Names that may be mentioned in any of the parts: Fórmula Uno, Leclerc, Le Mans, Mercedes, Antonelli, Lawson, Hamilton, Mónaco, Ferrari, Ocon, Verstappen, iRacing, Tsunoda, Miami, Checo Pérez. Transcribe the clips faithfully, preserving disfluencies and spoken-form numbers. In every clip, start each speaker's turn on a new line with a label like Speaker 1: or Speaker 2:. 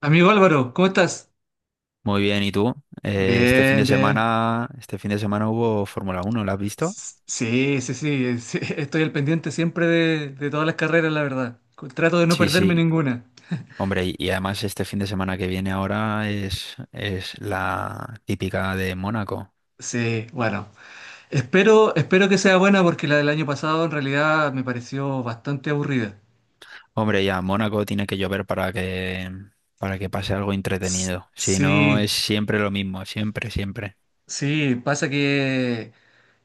Speaker 1: Amigo Álvaro, ¿cómo estás?
Speaker 2: Muy bien, ¿y tú? Eh, este fin
Speaker 1: Bien,
Speaker 2: de
Speaker 1: bien.
Speaker 2: semana, este fin de semana hubo Fórmula Uno. ¿La has visto?
Speaker 1: S- Sí, sí, sí, sí, estoy al pendiente siempre de, de todas las carreras, la verdad. Trato de no
Speaker 2: Sí,
Speaker 1: perderme
Speaker 2: sí.
Speaker 1: ninguna.
Speaker 2: Hombre, y, y además este fin de semana que viene ahora es, es la típica de Mónaco.
Speaker 1: Sí, bueno. Espero, espero que sea buena porque la del año pasado en realidad me pareció bastante aburrida.
Speaker 2: Hombre, ya, Mónaco tiene que llover para que, para que pase algo
Speaker 1: S-
Speaker 2: entretenido. Si no,
Speaker 1: Sí,
Speaker 2: es siempre lo mismo, siempre, siempre.
Speaker 1: Sí, pasa que,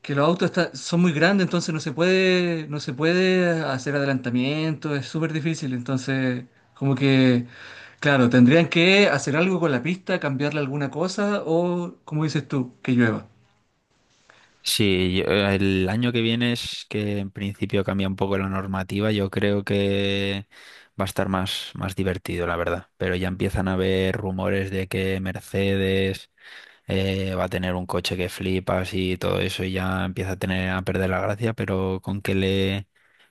Speaker 1: que los autos está- son muy grandes, entonces no se puede, no se puede hacer adelantamiento, es súper difícil. Entonces, como que, claro, tendrían que hacer algo con la pista, cambiarle alguna cosa o, como dices tú, que llueva.
Speaker 2: Sí, yo- eh, el año que viene es que en principio cambia un poco la normativa. Yo creo que va a estar más, más divertido, la verdad. Pero ya empiezan a haber rumores de que Mercedes eh, va a tener un coche que flipas y todo eso y ya empieza a tener a perder la gracia, pero con que le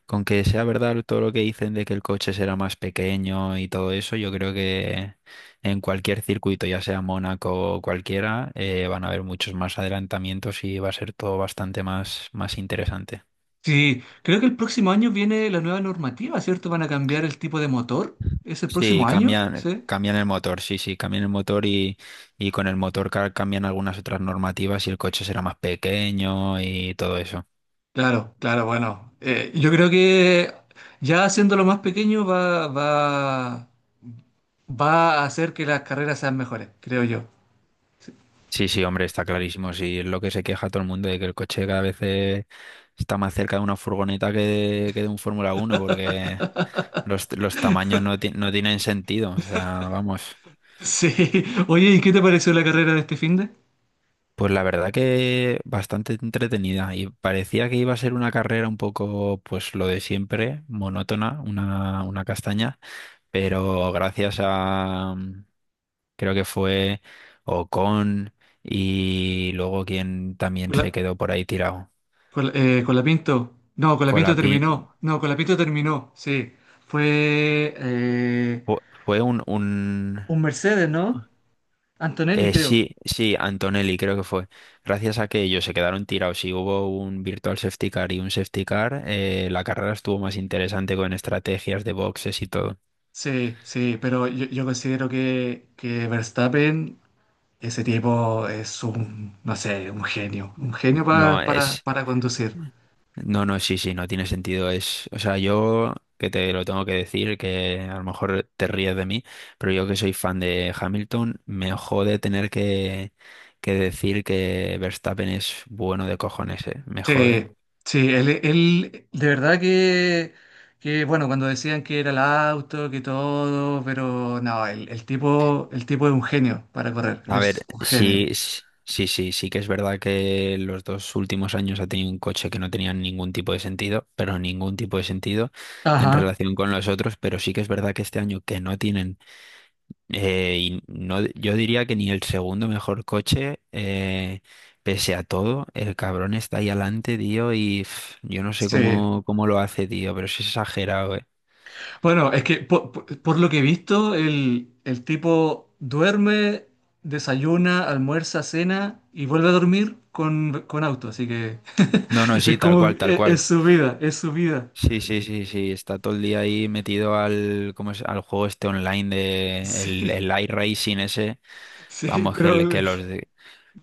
Speaker 2: con que sea verdad todo lo que dicen de que el coche será más pequeño y todo eso, yo creo que en cualquier circuito, ya sea Mónaco o cualquiera, eh, van a haber muchos más adelantamientos y va a ser todo bastante más, más interesante.
Speaker 1: Sí, creo que el próximo año viene la nueva normativa, ¿cierto? Van a cambiar el tipo de motor. ¿Es el
Speaker 2: Sí,
Speaker 1: próximo año?
Speaker 2: cambian,
Speaker 1: Sí.
Speaker 2: cambian el motor, sí, sí, cambian el motor y, y con el motor ca- cambian algunas otras normativas y el coche será más pequeño y todo eso.
Speaker 1: Claro, claro, bueno. Eh, yo creo que ya haciéndolo más pequeño va, va. va a hacer que las carreras sean mejores, creo yo.
Speaker 2: Sí, sí, hombre, está clarísimo. Sí, es lo que se queja todo el mundo de que el coche cada vez eh, está más cerca de una furgoneta que de, que de un Fórmula uno, porque los, los tamaños no, ti- no tienen sentido. O sea, vamos.
Speaker 1: Sí. Oye, ¿y qué te pareció la carrera de este finde?
Speaker 2: Pues la verdad que bastante entretenida y parecía que iba a ser una carrera un poco, pues lo de siempre, monótona, una, una castaña, pero gracias a, mm, creo que fue Ocon y luego quien también
Speaker 1: Con
Speaker 2: se
Speaker 1: la,
Speaker 2: quedó por ahí tirado.
Speaker 1: con la- eh, con la Pinto. No, con la Pinto terminó. No, con la Pinto terminó. Sí. Fue eh,
Speaker 2: Fue, fue un, un
Speaker 1: un Mercedes, ¿no? Antonelli,
Speaker 2: eh,
Speaker 1: creo.
Speaker 2: sí, sí, Antonelli creo que fue. Gracias a que ellos se quedaron tirados y hubo un virtual safety car y un safety car, eh, la carrera estuvo más interesante con estrategias de boxes y todo.
Speaker 1: Sí, sí, pero yo, yo considero que, que Verstappen, ese tipo es un, no sé, un genio. Un genio
Speaker 2: No
Speaker 1: pa- para,
Speaker 2: es,
Speaker 1: para conducir.
Speaker 2: no, no, sí, sí, no tiene sentido. Es, o sea, yo que te lo tengo que decir, que a lo mejor te ríes de mí, pero yo que soy fan de Hamilton, me jode tener que, que decir que Verstappen es bueno de cojones, eh, me jode.
Speaker 1: Sí, sí, él, él- de verdad que, que, bueno, cuando decían que era el auto, que todo, pero no, el, el tipo, el tipo es un genio para correr,
Speaker 2: A
Speaker 1: es
Speaker 2: ver,
Speaker 1: un genio.
Speaker 2: sí, s- sí, sí, sí que es verdad que los dos últimos años ha tenido un coche que no tenía ningún tipo de sentido, pero ningún tipo de sentido en
Speaker 1: Ajá,
Speaker 2: relación con los otros, pero sí que es verdad que este año que no tienen, eh, y no, yo diría que ni el segundo mejor coche, eh, pese a todo, el cabrón está ahí adelante, tío, y pf, yo no sé
Speaker 1: sí.
Speaker 2: cómo, cómo lo hace, tío, pero es exagerado, eh.
Speaker 1: Bueno, es que po- po- por, lo que he visto, el, el tipo duerme, desayuna, almuerza, cena y vuelve a dormir con, con auto, así que
Speaker 2: No, no,
Speaker 1: es
Speaker 2: sí, tal
Speaker 1: como,
Speaker 2: cual, tal
Speaker 1: es es
Speaker 2: cual.
Speaker 1: su vida, es su vida.
Speaker 2: Sí, sí, sí, sí, está todo el día ahí metido al, ¿cómo es? Al juego este online de el,
Speaker 1: Sí,
Speaker 2: el iRacing ese.
Speaker 1: sí,
Speaker 2: Vamos, que, le-
Speaker 1: pero,
Speaker 2: que los de-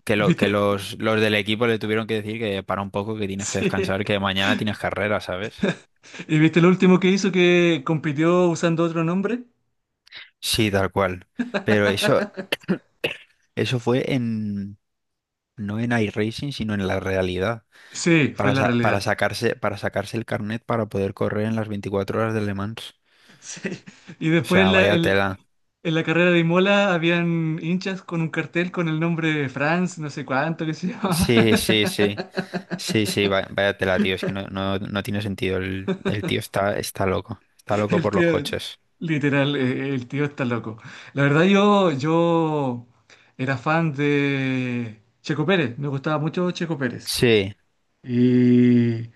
Speaker 2: que lo, que
Speaker 1: ¿viste?
Speaker 2: los, los del equipo le tuvieron que decir que para un poco, que tienes que
Speaker 1: Sí.
Speaker 2: descansar, que mañana tienes carrera, ¿sabes?
Speaker 1: ¿Y viste lo último que hizo que compitió usando otro nombre?
Speaker 2: Sí, tal cual. Pero eso, eso fue en, no en iRacing, sino en la realidad.
Speaker 1: Sí, fue
Speaker 2: Para,
Speaker 1: la
Speaker 2: sa- para
Speaker 1: realidad.
Speaker 2: sacarse, para sacarse el carnet para poder correr en las veinticuatro horas de Le Mans.
Speaker 1: Sí. Y
Speaker 2: O
Speaker 1: después en
Speaker 2: sea,
Speaker 1: la,
Speaker 2: vaya
Speaker 1: el-
Speaker 2: tela.
Speaker 1: en la carrera de Imola habían hinchas con un cartel con el nombre Franz, no sé cuánto, que se llamaba.
Speaker 2: Sí, sí, sí. Sí, sí, va- vaya tela, tío. Es que no, no, no tiene sentido. El, el tío está, está loco. Está loco
Speaker 1: El
Speaker 2: por los
Speaker 1: tío,
Speaker 2: coches.
Speaker 1: literal, eh, el tío está loco. La verdad yo, yo era fan de Checo Pérez, me gustaba mucho Checo Pérez.
Speaker 2: Sí,
Speaker 1: Y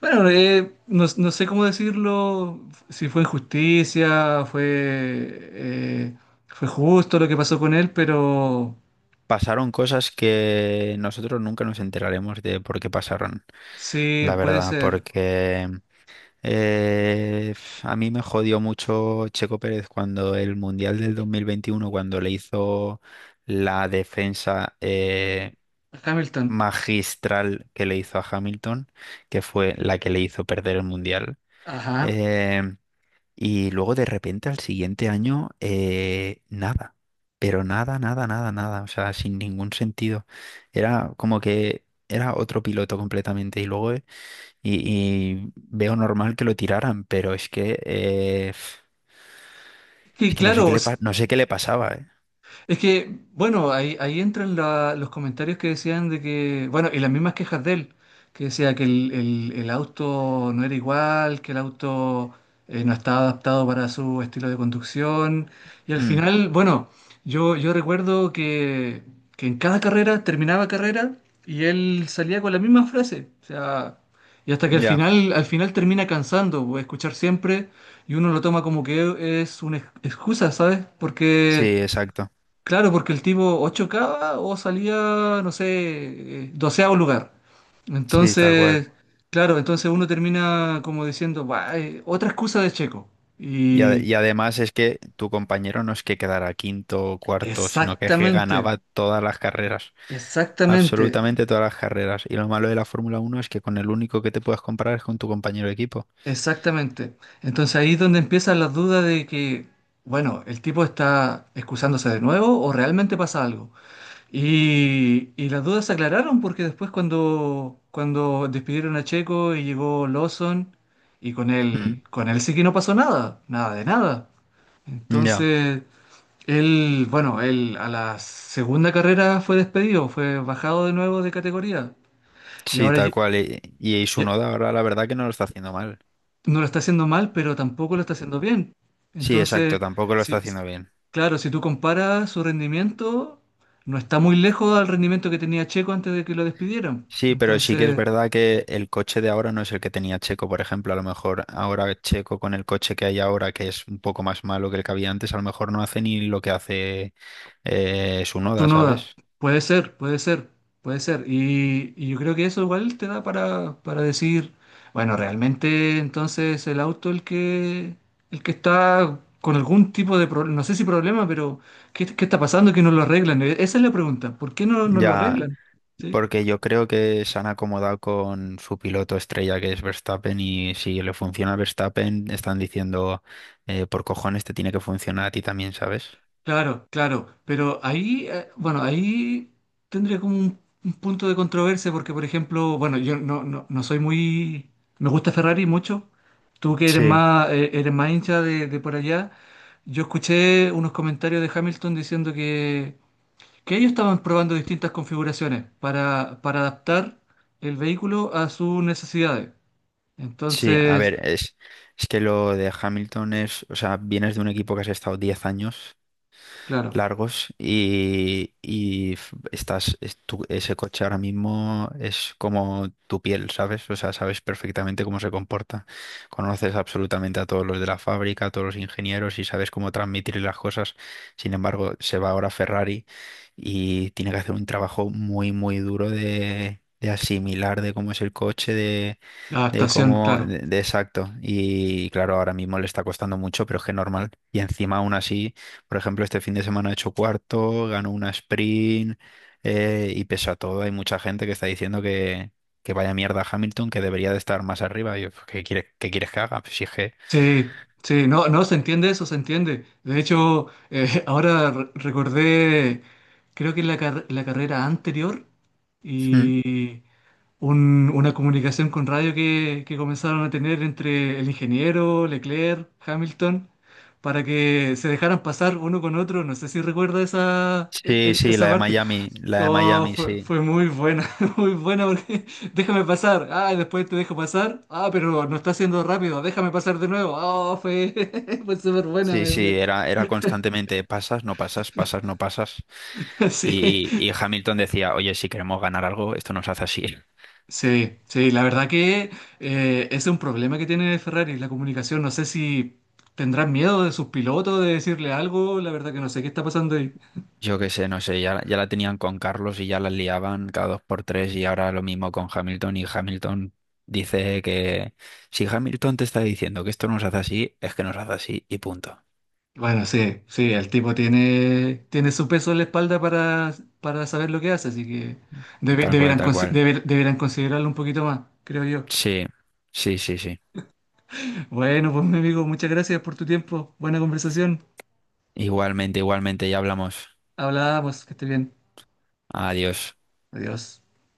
Speaker 1: bueno, eh, no, no sé cómo decirlo, si fue injusticia, fue, eh, fue justo lo que pasó con él, pero
Speaker 2: pasaron cosas que nosotros nunca nos enteraremos de por qué pasaron,
Speaker 1: sí,
Speaker 2: la
Speaker 1: puede
Speaker 2: verdad,
Speaker 1: ser.
Speaker 2: porque eh, f- a mí me jodió mucho Checo Pérez cuando el Mundial del dos mil veintiuno cuando le hizo la defensa eh,
Speaker 1: Hamilton.
Speaker 2: magistral que le hizo a Hamilton, que fue la que le hizo perder el Mundial.
Speaker 1: Ajá.
Speaker 2: eh, Y luego de repente al siguiente año, eh, nada, pero nada, nada, nada, nada, o sea, sin ningún sentido. Era como que era otro piloto completamente y luego eh, y, y veo normal que lo tiraran, pero es que eh,
Speaker 1: Que
Speaker 2: es que no
Speaker 1: claro,
Speaker 2: sé qué le
Speaker 1: s-
Speaker 2: pa- no sé qué le pasaba, ¿eh?
Speaker 1: Es que, bueno, ahí, ahí entran la- los comentarios que decían de que, bueno, y las mismas quejas de él, que decía que el, el- el auto no era igual, que el auto eh, no estaba adaptado para su estilo de conducción. Y al
Speaker 2: Mm,
Speaker 1: final, bueno, yo, yo recuerdo que, que en cada carrera, terminaba carrera, y él salía con la misma frase. O sea, y hasta que al
Speaker 2: ya,
Speaker 1: final, al final termina cansando, pues, escuchar siempre, y uno lo toma como que es una ex- excusa, ¿sabes?
Speaker 2: sí,
Speaker 1: Porque...
Speaker 2: exacto,
Speaker 1: Claro, porque el tipo o chocaba o salía, no sé, eh, doceavo lugar.
Speaker 2: sí, tal cual.
Speaker 1: Entonces, claro, entonces uno termina como diciendo, "Buah, eh, otra excusa de Checo".
Speaker 2: Y, ade-
Speaker 1: Y
Speaker 2: y además es que tu compañero no es que quedara quinto o cuarto, sino que, es que
Speaker 1: exactamente,
Speaker 2: ganaba todas las carreras.
Speaker 1: exactamente,
Speaker 2: Absolutamente todas las carreras. Y lo malo de la Fórmula Uno es que con el único que te puedes comparar es con tu compañero de equipo.
Speaker 1: exactamente. Entonces ahí es donde empiezan las dudas de que, bueno, el tipo está excusándose de nuevo o realmente pasa algo. Y, y las dudas se aclararon porque después cuando, cuando despidieron a Checo y llegó Lawson, y con
Speaker 2: Mm.
Speaker 1: él, con él sí que no pasó nada, nada de nada.
Speaker 2: Ya,
Speaker 1: Entonces, él, bueno, él a la segunda carrera fue despedido, fue bajado de nuevo de categoría. Y
Speaker 2: sí,
Speaker 1: ahora,
Speaker 2: tal
Speaker 1: lle-
Speaker 2: cual. Y, y
Speaker 1: y,
Speaker 2: Tsunoda ahora la verdad que no lo está haciendo mal.
Speaker 1: no lo está haciendo mal, pero tampoco lo está haciendo bien.
Speaker 2: Sí,
Speaker 1: Entonces,
Speaker 2: exacto, tampoco lo está
Speaker 1: si- s-
Speaker 2: haciendo bien.
Speaker 1: claro, si tú comparas su rendimiento, no está muy lejos al rendimiento que tenía Checo antes de que lo despidieran.
Speaker 2: Sí, pero sí que es
Speaker 1: Entonces,
Speaker 2: verdad que el coche de ahora no es el que tenía Checo, por ejemplo. A lo mejor ahora Checo con el coche que hay ahora, que es un poco más malo que el que había antes, a lo mejor no hace ni lo que hace eh, Tsunoda,
Speaker 1: Tsunoda,
Speaker 2: ¿sabes?
Speaker 1: puede ser, puede ser, puede ser. Y, y yo creo que eso igual te da para, para decir, bueno, realmente entonces el auto el que, el que está con algún tipo de problema, no sé si problema, pero ¿qué, qué está pasando que no lo arreglan? E, esa es la pregunta, ¿por qué no, no lo
Speaker 2: Ya.
Speaker 1: arreglan? ¿Sí?
Speaker 2: Porque yo creo que se han acomodado con su piloto estrella que es Verstappen y si le funciona a Verstappen están diciendo eh, por cojones te tiene que funcionar a ti también, ¿sabes?
Speaker 1: Claro, claro, pero ahí, eh, bueno, ahí tendría como un, un punto de controversia porque, por ejemplo, bueno, yo no, no, no soy muy, me gusta Ferrari mucho, tú que eres
Speaker 2: Sí,
Speaker 1: más, eh, eres más hincha de, de por allá, yo escuché unos comentarios de Hamilton diciendo que, que ellos estaban probando distintas configuraciones para, para adaptar el vehículo a sus necesidades.
Speaker 2: sí, a
Speaker 1: Entonces,
Speaker 2: ver, es, es que lo de Hamilton es, o sea, vienes de un equipo que has estado diez años
Speaker 1: claro,
Speaker 2: largos y, y f- estás, es tu- ese coche ahora mismo es como tu piel, ¿sabes? O sea, sabes perfectamente cómo se comporta. Conoces absolutamente a todos los de la fábrica, a todos los ingenieros y sabes cómo transmitir las cosas. Sin embargo, se va ahora Ferrari y tiene que hacer un trabajo muy, muy duro de, de asimilar de cómo es el coche,
Speaker 1: la
Speaker 2: de
Speaker 1: adaptación,
Speaker 2: cómo,
Speaker 1: claro.
Speaker 2: de, de exacto. Y claro, ahora mismo le está costando mucho, pero es que normal. Y encima, aún así, por ejemplo, este fin de semana ha hecho cuarto, ganó una sprint, eh, y pese a todo, hay mucha gente que está diciendo que, que vaya mierda Hamilton, que debería de estar más arriba. Y yo, pues, ¿qué quieres, qué quieres que haga? Pues si es que.
Speaker 1: Sí, sí, no, no, se entiende eso, se entiende. De hecho, eh, ahora re- recordé, creo que en la, car- la carrera anterior
Speaker 2: Mm.
Speaker 1: y un- una comunicación con radio que, que comenzaron a tener entre el ingeniero, Leclerc, Hamilton, para que se dejaran pasar uno con otro. No sé si recuerda esa, e-
Speaker 2: Sí,
Speaker 1: e-
Speaker 2: sí, la
Speaker 1: esa
Speaker 2: de
Speaker 1: parte.
Speaker 2: Miami, la de
Speaker 1: Oh,
Speaker 2: Miami,
Speaker 1: fue,
Speaker 2: sí.
Speaker 1: fue muy buena, muy buena porque déjame pasar. Ah, y después te dejo pasar. Ah, pero no está haciendo rápido. Déjame pasar de nuevo. Oh, fue, fue súper buena.
Speaker 2: Sí,
Speaker 1: me-
Speaker 2: sí,
Speaker 1: me-
Speaker 2: era, era constantemente pasas, no pasas, pasas, no pasas.
Speaker 1: Sí,
Speaker 2: Y, y Hamilton decía, oye, si queremos ganar algo, esto nos hace así.
Speaker 1: sí, sí. La verdad que eh, es un problema que tiene Ferrari, la comunicación. No sé si tendrán miedo de sus pilotos de decirle algo. La verdad que no sé qué está pasando ahí.
Speaker 2: Yo qué sé, no sé, ya, ya la tenían con Carlos y ya la liaban cada dos por tres y ahora lo mismo con Hamilton y Hamilton dice que si Hamilton te está diciendo que esto nos hace así, es que nos hace así y punto.
Speaker 1: Bueno, sí, sí, el tipo tiene, tiene su peso en la espalda para, para saber lo que hace, así que debe-
Speaker 2: Tal cual,
Speaker 1: debieran,
Speaker 2: tal
Speaker 1: consi-
Speaker 2: cual.
Speaker 1: deber- deberán considerarlo un poquito más, creo yo.
Speaker 2: Sí, sí, sí, sí.
Speaker 1: Bueno, pues mi amigo, muchas gracias por tu tiempo. Buena conversación.
Speaker 2: Igualmente, igualmente, ya hablamos.
Speaker 1: Hablamos, que esté bien.
Speaker 2: Adiós.
Speaker 1: Adiós.